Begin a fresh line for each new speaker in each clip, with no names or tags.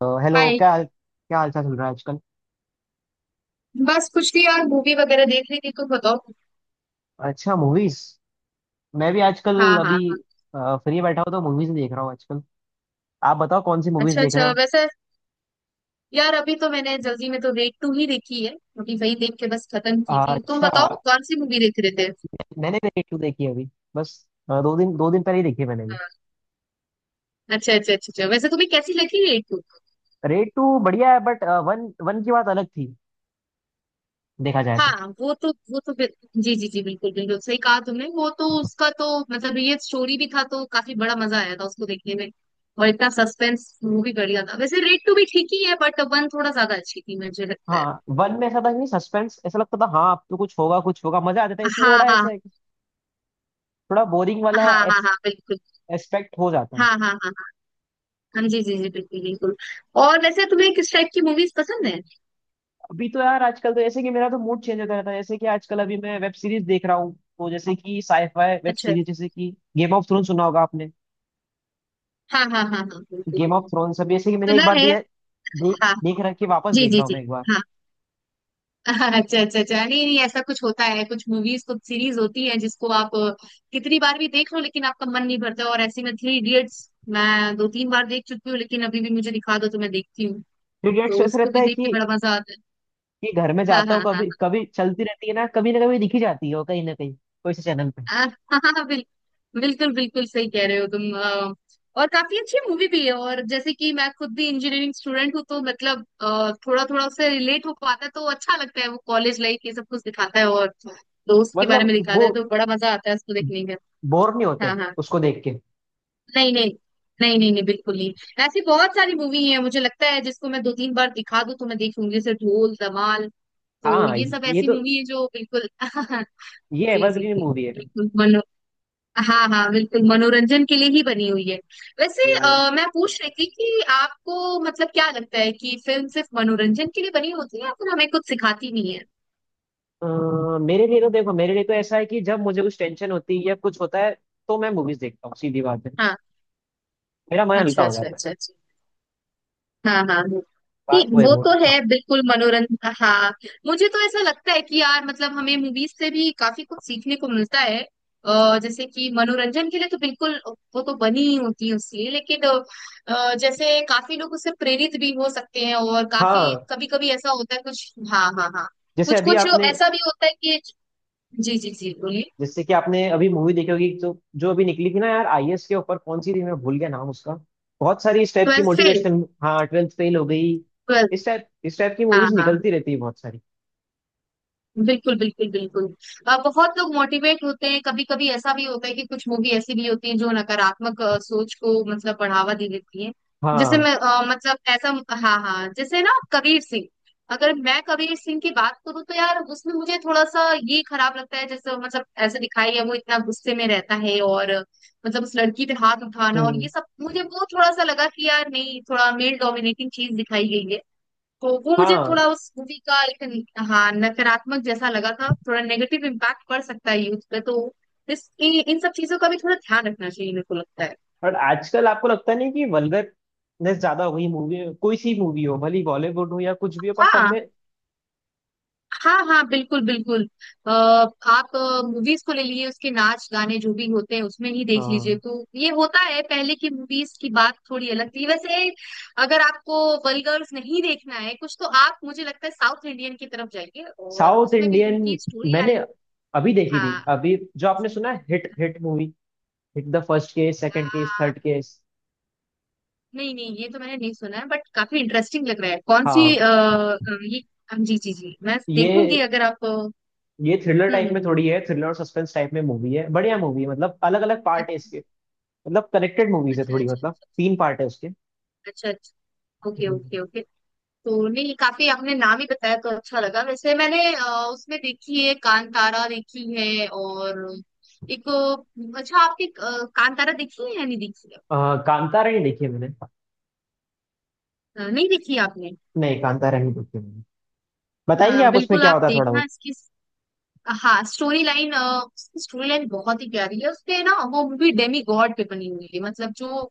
तो hello,
hi.
क्या हाल चाल चल रहा है आजकल।
बस कुछ नहीं यार, मूवी वगैरह देख रही थी। तुम बताओ।
अच्छा, मूवीज। मैं भी आजकल
हाँ
अभी
हाँ।
फ्री बैठा हूँ तो मूवीज देख रहा हूँ आजकल। आप बताओ कौन सी मूवीज
अच्छा
देख रहे
अच्छा।
हो।
वैसे यार अभी तो मैंने जल्दी में तो रेड टू ही देखी है। अभी वही देख के बस खत्म की थी। तुम
अच्छा,
बताओ कौन सी मूवी देख रहे थे।
मैंने भी रेड टू देखी है अभी। बस दो दिन पहले ही देखी है मैंने भी।
हाँ, अच्छा अच्छा अच्छा अच्छा। वैसे तुम्हें कैसी लगी रेड टू?
रेड टू बढ़िया है बट वन वन की बात अलग थी, देखा जाए तो।
हाँ, जी जी जी, बिल्कुल बिल्कुल सही कहा तुमने। वो तो उसका तो मतलब ये स्टोरी भी था तो काफी बड़ा मजा आया था उसको देखने में। और इतना सस्पेंस मूवी कर लिया था। वैसे रेड टू भी ठीक ही है, बट वन थोड़ा ज्यादा अच्छी थी मुझे लगता है।
हाँ, वन में ऐसा था कि सस्पेंस ऐसा लगता था, हाँ अब तो कुछ होगा कुछ होगा, मजा आता था। इसमें
हाँ
थोड़ा ऐसा
हाँ
है कि थोड़ा बोरिंग
हाँ
वाला
हाँ। हाँ बिल्कुल।
एस्पेक्ट हो जाता है।
हाँ हाँ हाँ हाँ। हाँ, जी जी जी बिल्कुल बिल्कुल। और वैसे तुम्हें किस टाइप की मूवीज पसंद है?
अभी तो यार आजकल तो जैसे कि मेरा तो मूड चेंज होता रहता है, जैसे कि आजकल अभी मैं वेब सीरीज देख रहा हूँ, तो जैसे कि साईफाई वेब
अच्छा।
सीरीज, जैसे कि गेम ऑफ थ्रोन सुना होगा आपने।
हाँ हाँ हाँ हाँ, बिल्कुल बिल्कुल।
गेम ऑफ थ्रोन्स अभी जैसे कि मैंने एक
सुना
बार
है।
दिया देख,
हाँ।
रख के वापस
जी
देख
जी
रहा हूँ
जी।
मैं एक बार।
हाँ। अच्छा अच्छा अच्छा, नहीं नहीं, ऐसा कुछ होता है, कुछ मूवीज कुछ सीरीज होती है जिसको आप कितनी बार भी देख लो लेकिन आपका मन नहीं भरता। और ऐसी में थ्री इडियट्स मैं दो तीन बार देख चुकी हूँ, लेकिन अभी भी मुझे दिखा दो तो मैं देखती हूँ,
पीरियड्स
तो
ऐसा
उसको
रहता
भी
है
देख के
कि
बड़ा मजा आता है।
घर में
हाँ
जाता हूँ,
हाँ हाँ।
कभी कभी चलती रहती है ना, कभी ना कभी दिखी जाती है वो, कहीं ना कहीं कोई से चैनल पे।
हाँ हाँ, बिल्कुल बिल्कुल सही कह रहे हो तुम। और काफी अच्छी मूवी भी है। और जैसे कि मैं खुद भी इंजीनियरिंग स्टूडेंट हूँ तो मतलब थोड़ा थोड़ा उससे रिलेट हो पाता है तो अच्छा लगता है। वो कॉलेज लाइफ ये सब कुछ दिखाता है और दोस्त के बारे
मतलब
में दिखाता
वो
है तो बड़ा मजा आता है उसको देखने
बोर नहीं
का।
होते
हाँ हाँ।
उसको देख के?
नहीं नहीं। नहीं नहीं नहीं, बिल्कुल नहीं। ऐसी बहुत सारी मूवी है मुझे लगता है जिसको मैं दो तीन बार दिखा दूं तो मैं देखूंगी, जैसे ढोल धमाल, तो
हाँ
ये सब
ये
ऐसी
तो,
मूवी है जो बिल्कुल।
ये
जी जी
एवरग्रीन
जी,
मूवी है।
बिल्कुल। हाँ हाँ बिल्कुल, मनोरंजन के लिए ही बनी हुई है। वैसे
ये वाले
मैं पूछ रही थी कि आपको मतलब क्या लगता है कि फिल्म सिर्फ मनोरंजन के लिए बनी होती है या फिर हमें कुछ सिखाती नहीं है?
अ, मेरे लिए तो देखो, मेरे लिए तो ऐसा है कि जब मुझे कुछ टेंशन होती है या कुछ होता है, तो मैं मूवीज देखता हूँ, सीधी बात है।
हाँ।
मेरा मन हल्का
अच्छा
हो
अच्छा
जाता है।
अच्छा अच्छा। हाँ हाँ हाँ। नहीं,
बात वो है
वो
वो।
तो है बिल्कुल मनोरंजन। हाँ, मुझे तो ऐसा लगता है कि यार मतलब हमें मूवीज से भी काफी कुछ सीखने को मिलता है। जैसे कि मनोरंजन के लिए तो बिल्कुल वो तो बनी ही होती है उसके लिए, लेकिन जैसे काफी लोग उससे प्रेरित भी हो सकते हैं और काफी
हाँ,
कभी कभी ऐसा होता है कुछ। हाँ हाँ हाँ।
जैसे
कुछ
अभी
कुछ
आपने,
ऐसा भी होता है कि जी जी जी, बोलिए।
जैसे कि आपने अभी मूवी देखी होगी जो, जो अभी निकली थी ना यार, आईएएस के ऊपर, कौन सी थी, मैं भूल गया नाम उसका। बहुत सारी इस टाइप की
ट्वेल्थ फेल।
मोटिवेशन, हाँ ट्वेल्थ फेल हो गई।
ट्वेल्थ।
इस टाइप की
हाँ
मूवीज
हाँ,
निकलती रहती है बहुत सारी।
बिल्कुल बिल्कुल बिल्कुल। बहुत लोग मोटिवेट होते हैं। कभी कभी ऐसा भी होता है कि कुछ मूवी ऐसी भी होती है जो नकारात्मक सोच को मतलब बढ़ावा दे देती है। जैसे
हाँ,
मैं अ, मतलब ऐसा हाँ हाँ, जैसे ना कबीर सिंह, अगर मैं कबीर सिंह की बात करूँ तो यार उसमें मुझे थोड़ा सा ये खराब लगता है। जैसे मतलब ऐसे दिखाई है वो, इतना गुस्से में रहता है और मतलब उस लड़की पे हाथ उठाना और ये
हम्म,
सब, मुझे वो थोड़ा सा लगा कि यार नहीं, थोड़ा मेल डोमिनेटिंग चीज दिखाई गई है। वो मुझे
हाँ।
थोड़ा उस मूवी का एक हाँ, नकारात्मक जैसा लगा था। थोड़ा नेगेटिव इम्पैक्ट पड़ सकता है यूथ पे तो इस इन इन सब चीजों का भी थोड़ा ध्यान रखना चाहिए, मेरे को लगता है।
और आजकल आपको लगता नहीं कि वल्गरनेस ज्यादा हो गई मूवी में? कोई सी मूवी हो, भले बॉलीवुड हो या कुछ भी हो, पर सब
हाँ
में।
हाँ हाँ, बिल्कुल बिल्कुल। अ, आप मूवीज को ले लिए उसके नाच गाने जो भी होते हैं उसमें ही देख लीजिए
हाँ।
तो ये होता है। पहले की मूवीज की बात थोड़ी अलग थी। वैसे अगर आपको वल्गर्स नहीं देखना है कुछ तो आप मुझे लगता है साउथ इंडियन की तरफ जाइए, और
साउथ
उसमें भी
इंडियन
उनकी स्टोरी लाइन।
मैंने अभी देखी थी,
हाँ,
अभी जो आपने सुना है, hit hit movie, hit the first case, second case, third case.
नहीं नहीं, ये तो मैंने नहीं सुना है, बट काफी इंटरेस्टिंग लग रहा है। कौन सी
हाँ,
ये जी जी जी, मैं देखूंगी
ये,
अगर आप। हम्म।
थ्रिलर टाइप
हम्म,
में
हम्म।
थोड़ी है, थ्रिलर और सस्पेंस टाइप में मूवी है, बढ़िया मूवी है। मतलब अलग अलग पार्ट है
अच्छा
इसके, मतलब कनेक्टेड मूवीज है
अच्छा
थोड़ी,
अच्छा।
मतलब
अच्छा
तीन पार्ट है उसके।
अच्छा अच्छा, अच्छा। Okay
hmm.
Okay okay. तो नहीं, काफी आपने नाम ही बताया तो अच्छा लगा। वैसे मैंने उसमें देखी है कांतारा देखी है। और एक अच्छा आपने कांतारा देखी है या नहीं देखी
कांतारा नहीं देखी है मैंने,
है? नहीं देखी है आपने?
नहीं कांतारा नहीं देखी है मैंने। बताएंगे आप उसमें
बिल्कुल,
क्या
आप
होता है थोड़ा
देखना।
बहुत?
इसकी हाँ, स्टोरी लाइन उसकी स्टोरी लाइन बहुत ही प्यारी है। उसपे ना वो मूवी डेमी गॉड पे बनी हुई है मतलब, जो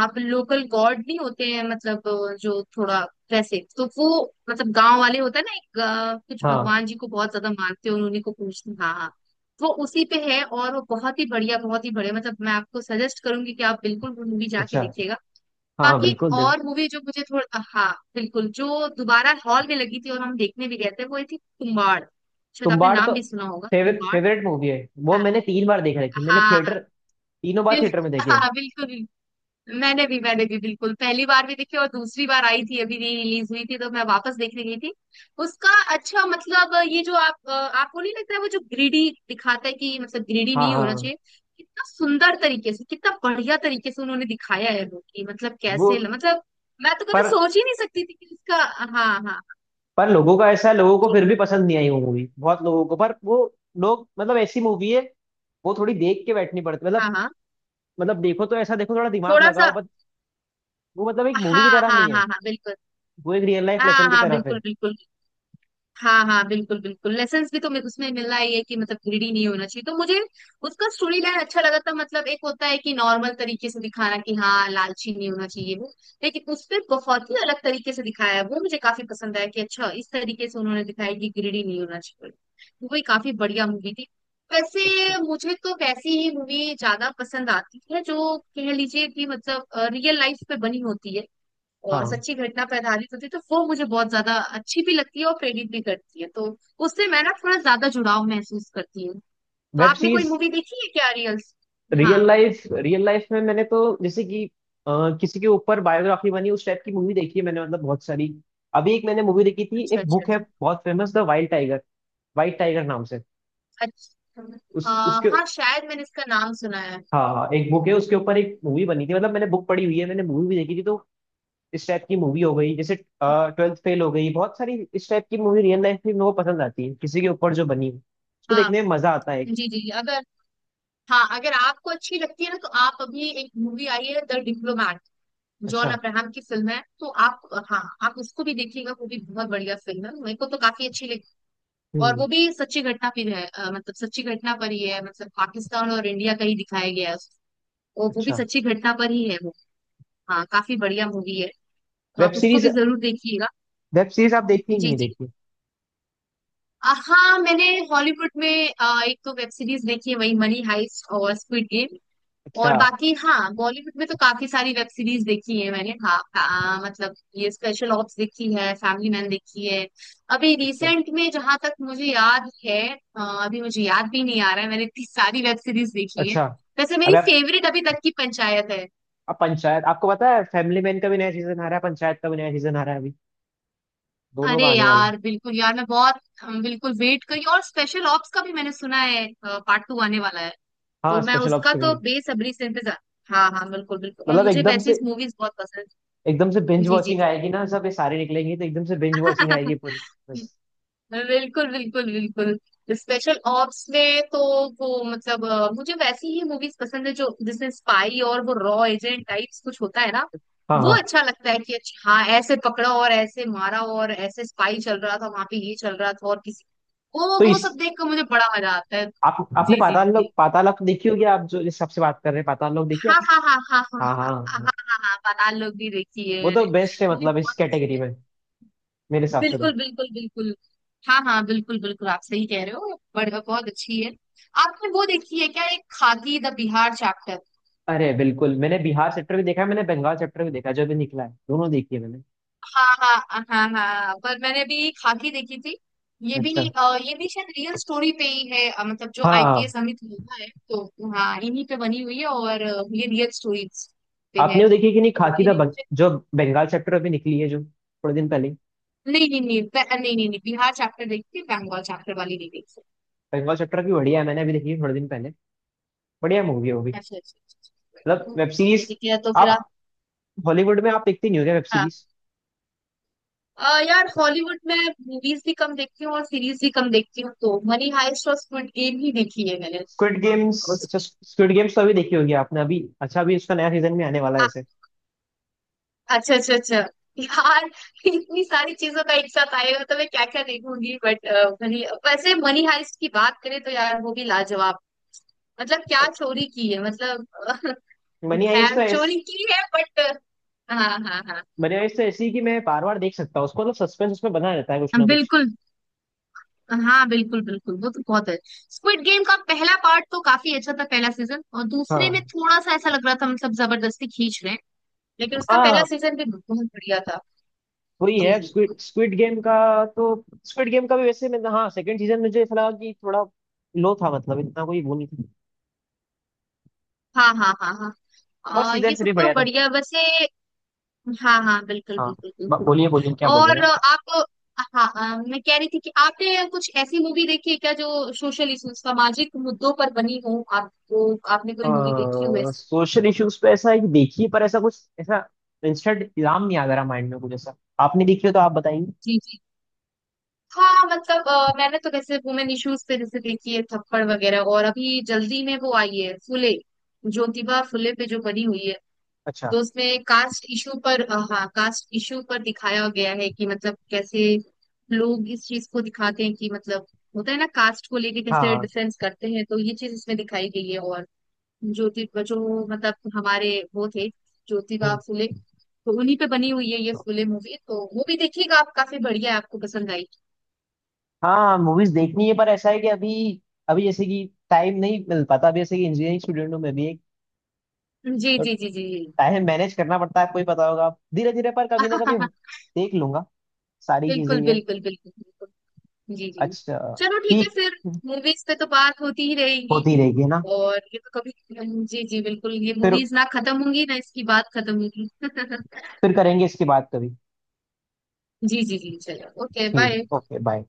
आप लोकल गॉड नहीं होते हैं मतलब, जो थोड़ा वैसे तो वो मतलब गांव वाले होता है ना एक कुछ
हाँ,
भगवान जी को बहुत ज्यादा मानते हैं, उन्हीं को पूछते हैं। हाँ हाँ। वो उसी पे है, और वो बहुत ही बढ़िया बहुत ही बढ़िया, मतलब मैं आपको सजेस्ट करूंगी कि आप बिल्कुल वो मूवी जाके
अच्छा।
देखिएगा।
हाँ हाँ,
बाकी एक
बिल्कुल देख।
और मूवी जो मुझे थोड़ा हाँ बिल्कुल जो दोबारा हॉल में लगी थी और हम देखने भी गए थे वो ये थी कुम्बाड़। शायद आपने
तुम्बाड़ तो
नाम भी सुना होगा,
फेवरेट
कुम्बाड़।
फेवरेट मूवी है, वो
हाँ
मैंने तीन बार देख रखी, मैंने
हाँ हाँ,
थिएटर, तीनों बार थिएटर
बिल्कुल।
में देखिए।
हाँ बिल्कुल बिल्कुल। मैंने भी बिल्कुल पहली बार भी देखी, और दूसरी बार आई थी अभी री रिलीज हुई थी तो मैं वापस देखने गई थी उसका। अच्छा मतलब ये जो आप आपको नहीं लगता है वो जो ग्रीडी दिखाता है कि मतलब ग्रीडी
हाँ
नहीं होना
हाँ,
चाहिए, कितना सुंदर तरीके से कितना बढ़िया तरीके से उन्होंने दिखाया है वो, कि मतलब
वो।
कैसे मतलब मैं तो कभी
पर
सोच ही नहीं सकती थी कि इसका। हाँ हाँ
पर लोगों का ऐसा है, लोगों को फिर भी पसंद नहीं आई वो मूवी, बहुत लोगों को। पर वो लोग मतलब, ऐसी मूवी है वो, थोड़ी देख के बैठनी पड़ती
हाँ
मतलब,
हाँ।
मतलब देखो तो ऐसा, देखो, थोड़ा दिमाग
थोड़ा
लगाओ,
सा।
बट वो मतलब एक
हाँ
मूवी की तरह
हाँ
नहीं
हाँ
है,
हाँ, बिल्कुल।
वो एक रियल लाइफ लेसन
हाँ
की
हाँ
तरफ है।
बिल्कुल बिल्कुल। हाँ हाँ बिल्कुल बिल्कुल, लेसन्स भी तो उसमें मिल रहा ही है कि मतलब ग्रीडी नहीं होना चाहिए तो मुझे उसका स्टोरी लाइन अच्छा लगा था। मतलब एक होता है कि नॉर्मल तरीके से दिखाना कि हाँ लालची नहीं होना चाहिए वो, लेकिन उस पे बहुत ही अलग तरीके से दिखाया है वो, मुझे काफी पसंद आया कि अच्छा इस तरीके से उन्होंने दिखाया कि ग्रीडी नहीं होना चाहिए। वो ही काफी बढ़िया मूवी थी।
अच्छा।
वैसे मुझे तो वैसी ही मूवी ज्यादा पसंद आती है जो कह लीजिए कि मतलब रियल लाइफ पे बनी होती है और
हाँ।
सच्ची घटना पे आधारित होती है, तो वो मुझे बहुत ज्यादा अच्छी भी लगती है और प्रेरित भी करती है, तो उससे मैं ना थोड़ा ज्यादा जुड़ाव महसूस करती हूँ। तो
वेब
आपने कोई
सीरीज।
मूवी देखी है क्या रियल्स? हाँ।
रियल लाइफ में मैंने तो, जैसे कि किसी के ऊपर बायोग्राफी बनी, उस टाइप की मूवी देखी है मैंने, मतलब बहुत सारी। अभी एक मैंने मूवी देखी थी,
अच्छा
एक
अच्छा
बुक है
अच्छा
बहुत famous, the wild tiger, white tiger नाम से।
अच्छा।
उस उसके,
हाँ, शायद मैंने इसका नाम सुना है।
हाँ हाँ एक बुक है, उसके ऊपर एक मूवी बनी थी, मतलब मैंने बुक पढ़ी हुई है, मैंने मूवी भी देखी थी। तो इस टाइप की मूवी हो गई, जैसे ट्वेल्थ फेल हो गई, बहुत सारी इस टाइप की मूवी। रियल लाइफ में मेरे को पसंद आती है, किसी के ऊपर जो बनी हो, उसको
हाँ।
देखने में मजा आता है एक।
जी जी, अगर हाँ अगर आपको अच्छी लगती है ना तो आप अभी एक मूवी आई है द डिप्लोमैट, जॉन
अच्छा।
अब्राहम की फिल्म है, तो आप हाँ आप उसको भी देखिएगा। वो भी बहुत बढ़िया फिल्म है, मेरे को तो काफी अच्छी लगी। और
हम्म।
वो भी सच्ची घटना फिर है मतलब सच्ची घटना पर ही है, मतलब पाकिस्तान और इंडिया का ही दिखाया गया है। वो भी
अच्छा।
सच्ची घटना पर ही है वो, हाँ काफी बढ़िया मूवी है, तो
वेब
आप उसको
सीरीज।
भी जरूर देखिएगा।
वेब सीरीज आप देखती हैं कि
जी
नहीं
जी।
देखती?
हाँ मैंने हॉलीवुड में एक तो वेब सीरीज देखी है वही मनी हाइस्ट और स्क्विड गेम।
अच्छा
और बाकी हाँ बॉलीवुड में तो काफी सारी वेब सीरीज देखी है मैंने। हाँ मतलब ये स्पेशल ऑप्स देखी है, फैमिली मैन देखी है अभी
अच्छा
रिसेंट में जहां तक मुझे याद है। अभी मुझे याद भी नहीं आ रहा है, मैंने इतनी सारी वेब सीरीज देखी है।
अच्छा।
वैसे
अब
मेरी
आप,
फेवरेट अभी तक की पंचायत है।
अब पंचायत, आपको पता है फैमिली मैन का भी नया सीजन आ रहा है, पंचायत का भी नया सीजन आ रहा है अभी, दोनों
अरे
का आने वाला है।
यार बिल्कुल यार मैं बहुत बिल्कुल वेट करी। और स्पेशल ऑप्स का भी मैंने सुना है पार्ट टू आने वाला है, तो
हाँ,
मैं
स्पेशल ऑप्स
उसका
का भी।
तो बेसब्री से इंतजार। हाँ हाँ बिल्कुल बिल्कुल, और
मतलब
मुझे
एकदम
वैसी
से,
मूवीज बहुत पसंद
एकदम से
है।
बिंज
जी जी
वॉचिंग
जी।
आएगी ना, सब ये सारे निकलेंगे तो एकदम से बिंज वॉचिंग आएगी पूरी। बस।
बिल्कुल बिल्कुल बिल्कुल। स्पेशल ऑप्स में तो वो मतलब मुझे वैसी ही मूवीज पसंद है जो जिसमें स्पाई और वो रॉ एजेंट टाइप्स कुछ होता है ना,
हाँ
वो
हाँ।
अच्छा लगता है कि अच्छा हाँ ऐसे पकड़ा और ऐसे मारा और ऐसे स्पाई चल रहा था वहां पे ये चल रहा था और किसी,
तो
वो सब
इस,
देख कर मुझे बड़ा मजा आता है।
आप, आपने
जी जी
पाताल
जी।
लोक, पाताल लोक देखी होगी आप, जो इस सबसे बात कर रहे हैं, पाताल लोक देखी
हाँ
आपने?
हाँ हाँ हाँ हाँ
हाँ
हाँ
हाँ
हाँ। हाँ
हाँ।
हाँ हाँ, पाताल लोक भी देखी है
वो तो
मैंने।
बेस्ट है
वो भी
मतलब इस
बहुत अच्छी
कैटेगरी
है।
में, मेरे हिसाब से तो।
बिल्कुल बिल्कुल बिल्कुल। हाँ हाँ बिल्कुल बिल्कुल, आप सही कह रहे हो, बढ़िया, बहुत अच्छी है। आपने वो देखी है क्या, एक खाकी द बिहार चैप्टर?
अरे बिल्कुल, मैंने बिहार चैप्टर भी देखा है, मैंने बंगाल चैप्टर भी देखा है, जो भी निकला है दोनों देखी है मैंने।
हाँ हाँ हाँ हाँ, पर मैंने भी खाकी देखी थी। ये भी
अच्छा।
ये भी शायद रियल स्टोरी पे ही है, मतलब जो
हाँ हाँ।
आईपीएस अमित लोढ़ा है तो हाँ इन्हीं पे बनी हुई है, और ये रियल स्टोरी पे है,
आपने वो देखी कि नहीं,
तो
खाकी
ये
द
भी
बंग-,
मुझे।
जो बंगाल चैप्टर अभी निकली है, जो थोड़े दिन पहले।
नहीं नहीं नहीं, नहीं नहीं नहीं, बिहार चैप्टर देखी थी, बंगाल चैप्टर वाली नहीं देखी।
बंगाल चैप्टर भी बढ़िया है, मैंने अभी देखी है थोड़े दिन पहले, बढ़िया मूवी है वो भी।
अच्छा अच्छा अच्छा, अच्छा।
मतलब
अच्छा।
वेब
ठीक है
सीरीज।
ठीक है, तो फिर आप।
आप, हॉलीवुड में आप देखते नहीं होंगे वेब
हाँ
सीरीज?
यार हॉलीवुड में मूवीज भी कम देखती हूँ और सीरीज भी कम देखती हूँ, तो मनी हाइस्ट और स्क्विड गेम ही देखी है मैंने।
स्क्विड गेम्स, अच्छा,
उसकी
स्क्विड गेम्स तो अभी देखी होगी आपने अभी, अच्छा, अभी उसका नया सीजन भी आने वाला है
आ-
वैसे।
अच्छा अच्छा अच्छा। यार इतनी सारी चीजों का एक साथ आएगा तो मैं क्या क्या देखूंगी, बट मनी वैसे मनी हाइस्ट की बात करें तो यार वो भी लाजवाब, मतलब क्या चोरी की है मतलब
मनी हाइस्ट
खैर
तो ऐस-,
चोरी की है बट। हाँ हाँ हाँ
मनी हाइस्ट तो ऐसी है कि मैं बार बार देख सकता हूँ उसको, मतलब सस्पेंस उसमें बना रहता है कुछ ना कुछ।
बिल्कुल। हाँ बिल्कुल बिल्कुल, वो तो बहुत है। स्क्विड गेम का पहला पार्ट तो काफी अच्छा था, पहला सीजन, और दूसरे में
हाँ
थोड़ा सा ऐसा लग रहा था मतलब जबरदस्ती खींच रहे हैं, लेकिन उसका पहला
हाँ।
सीजन भी बहुत बढ़िया था।
वही
जी
है
जी।
स्क्विड स्क्विड गेम का, तो स्क्विड गेम का भी वैसे मैं, हाँ सेकंड सीजन मुझे ऐसा लगा कि थोड़ा लो था, मतलब इतना कोई वो नहीं था,
हाँ हाँ हाँ हाँ।
बस सीजन
ये सब
थ्री
तो
बढ़िया था।
बढ़िया वैसे। हाँ हाँ बिल्कुल
हाँ।
बिल्कुल बिल्कुल।
बोलिए बोलिए, क्या बोलिए?
और आप हाँ मैं कह रही थी कि आपने कुछ ऐसी मूवी देखी है क्या जो सोशल इशू, सामाजिक मुद्दों पर बनी हो? आपको आपने कोई मूवी देखी हो ऐसी?
सोशल इश्यूज पे ऐसा एक देखिए, पर ऐसा कुछ, ऐसा इंस्टेंट इल्जाम नहीं आ रहा माइंड में कुछ ऐसा, आपने देखी हो तो आप बताइए।
जी जी। हाँ हाँ, मतलब मैंने तो वैसे वुमेन इश्यूज पे जैसे देखी है थप्पड़ वगैरह, और अभी जल्दी में वो आई है फुले, ज्योतिबा फुले पे जो बनी हुई है,
अच्छा।
तो उसमें कास्ट इशू पर हाँ कास्ट इशू पर दिखाया गया है कि मतलब कैसे लोग इस चीज को दिखाते हैं कि मतलब होता है ना कास्ट को लेके
हाँ
कैसे
हाँ।
डिफेंस करते हैं, तो ये चीज इसमें दिखाई गई है। और ज्योति जो मतलब हमारे वो थे, ज्योतिबा
हम्म।
फुले, तो उन्हीं पे बनी हुई है ये फुले मूवी, तो वो भी देखिएगा आप, काफी बढ़िया है, आपको पसंद आई।
हाँ मूवीज देखनी है, पर ऐसा है कि अभी, अभी जैसे कि टाइम नहीं मिल पाता, अभी जैसे कि इंजीनियरिंग स्टूडेंट हूँ मैं भी एक,
जी
तो
जी जी जी जी।
टाइम मैनेज करना पड़ता है, आपको ही पता होगा आप, धीरे धीरे पर कभी ना कभी देख लूंगा सारी चीजें
बिल्कुल
ये।
बिल्कुल बिल्कुल बिल्कुल। जी जी।
अच्छा।
चलो ठीक है
ठीक।
फिर, मूवीज पे तो बात होती ही रहेगी।
होती रहेगी है ना?
और ये तो कभी, जी जी बिल्कुल, ये
फिर
मूवीज ना खत्म होंगी ना इसकी बात खत्म होगी।
फिर करेंगे इसके बाद कभी।
जी जी जी, चलो ओके
ठीक है,
बाय।
Okay bye.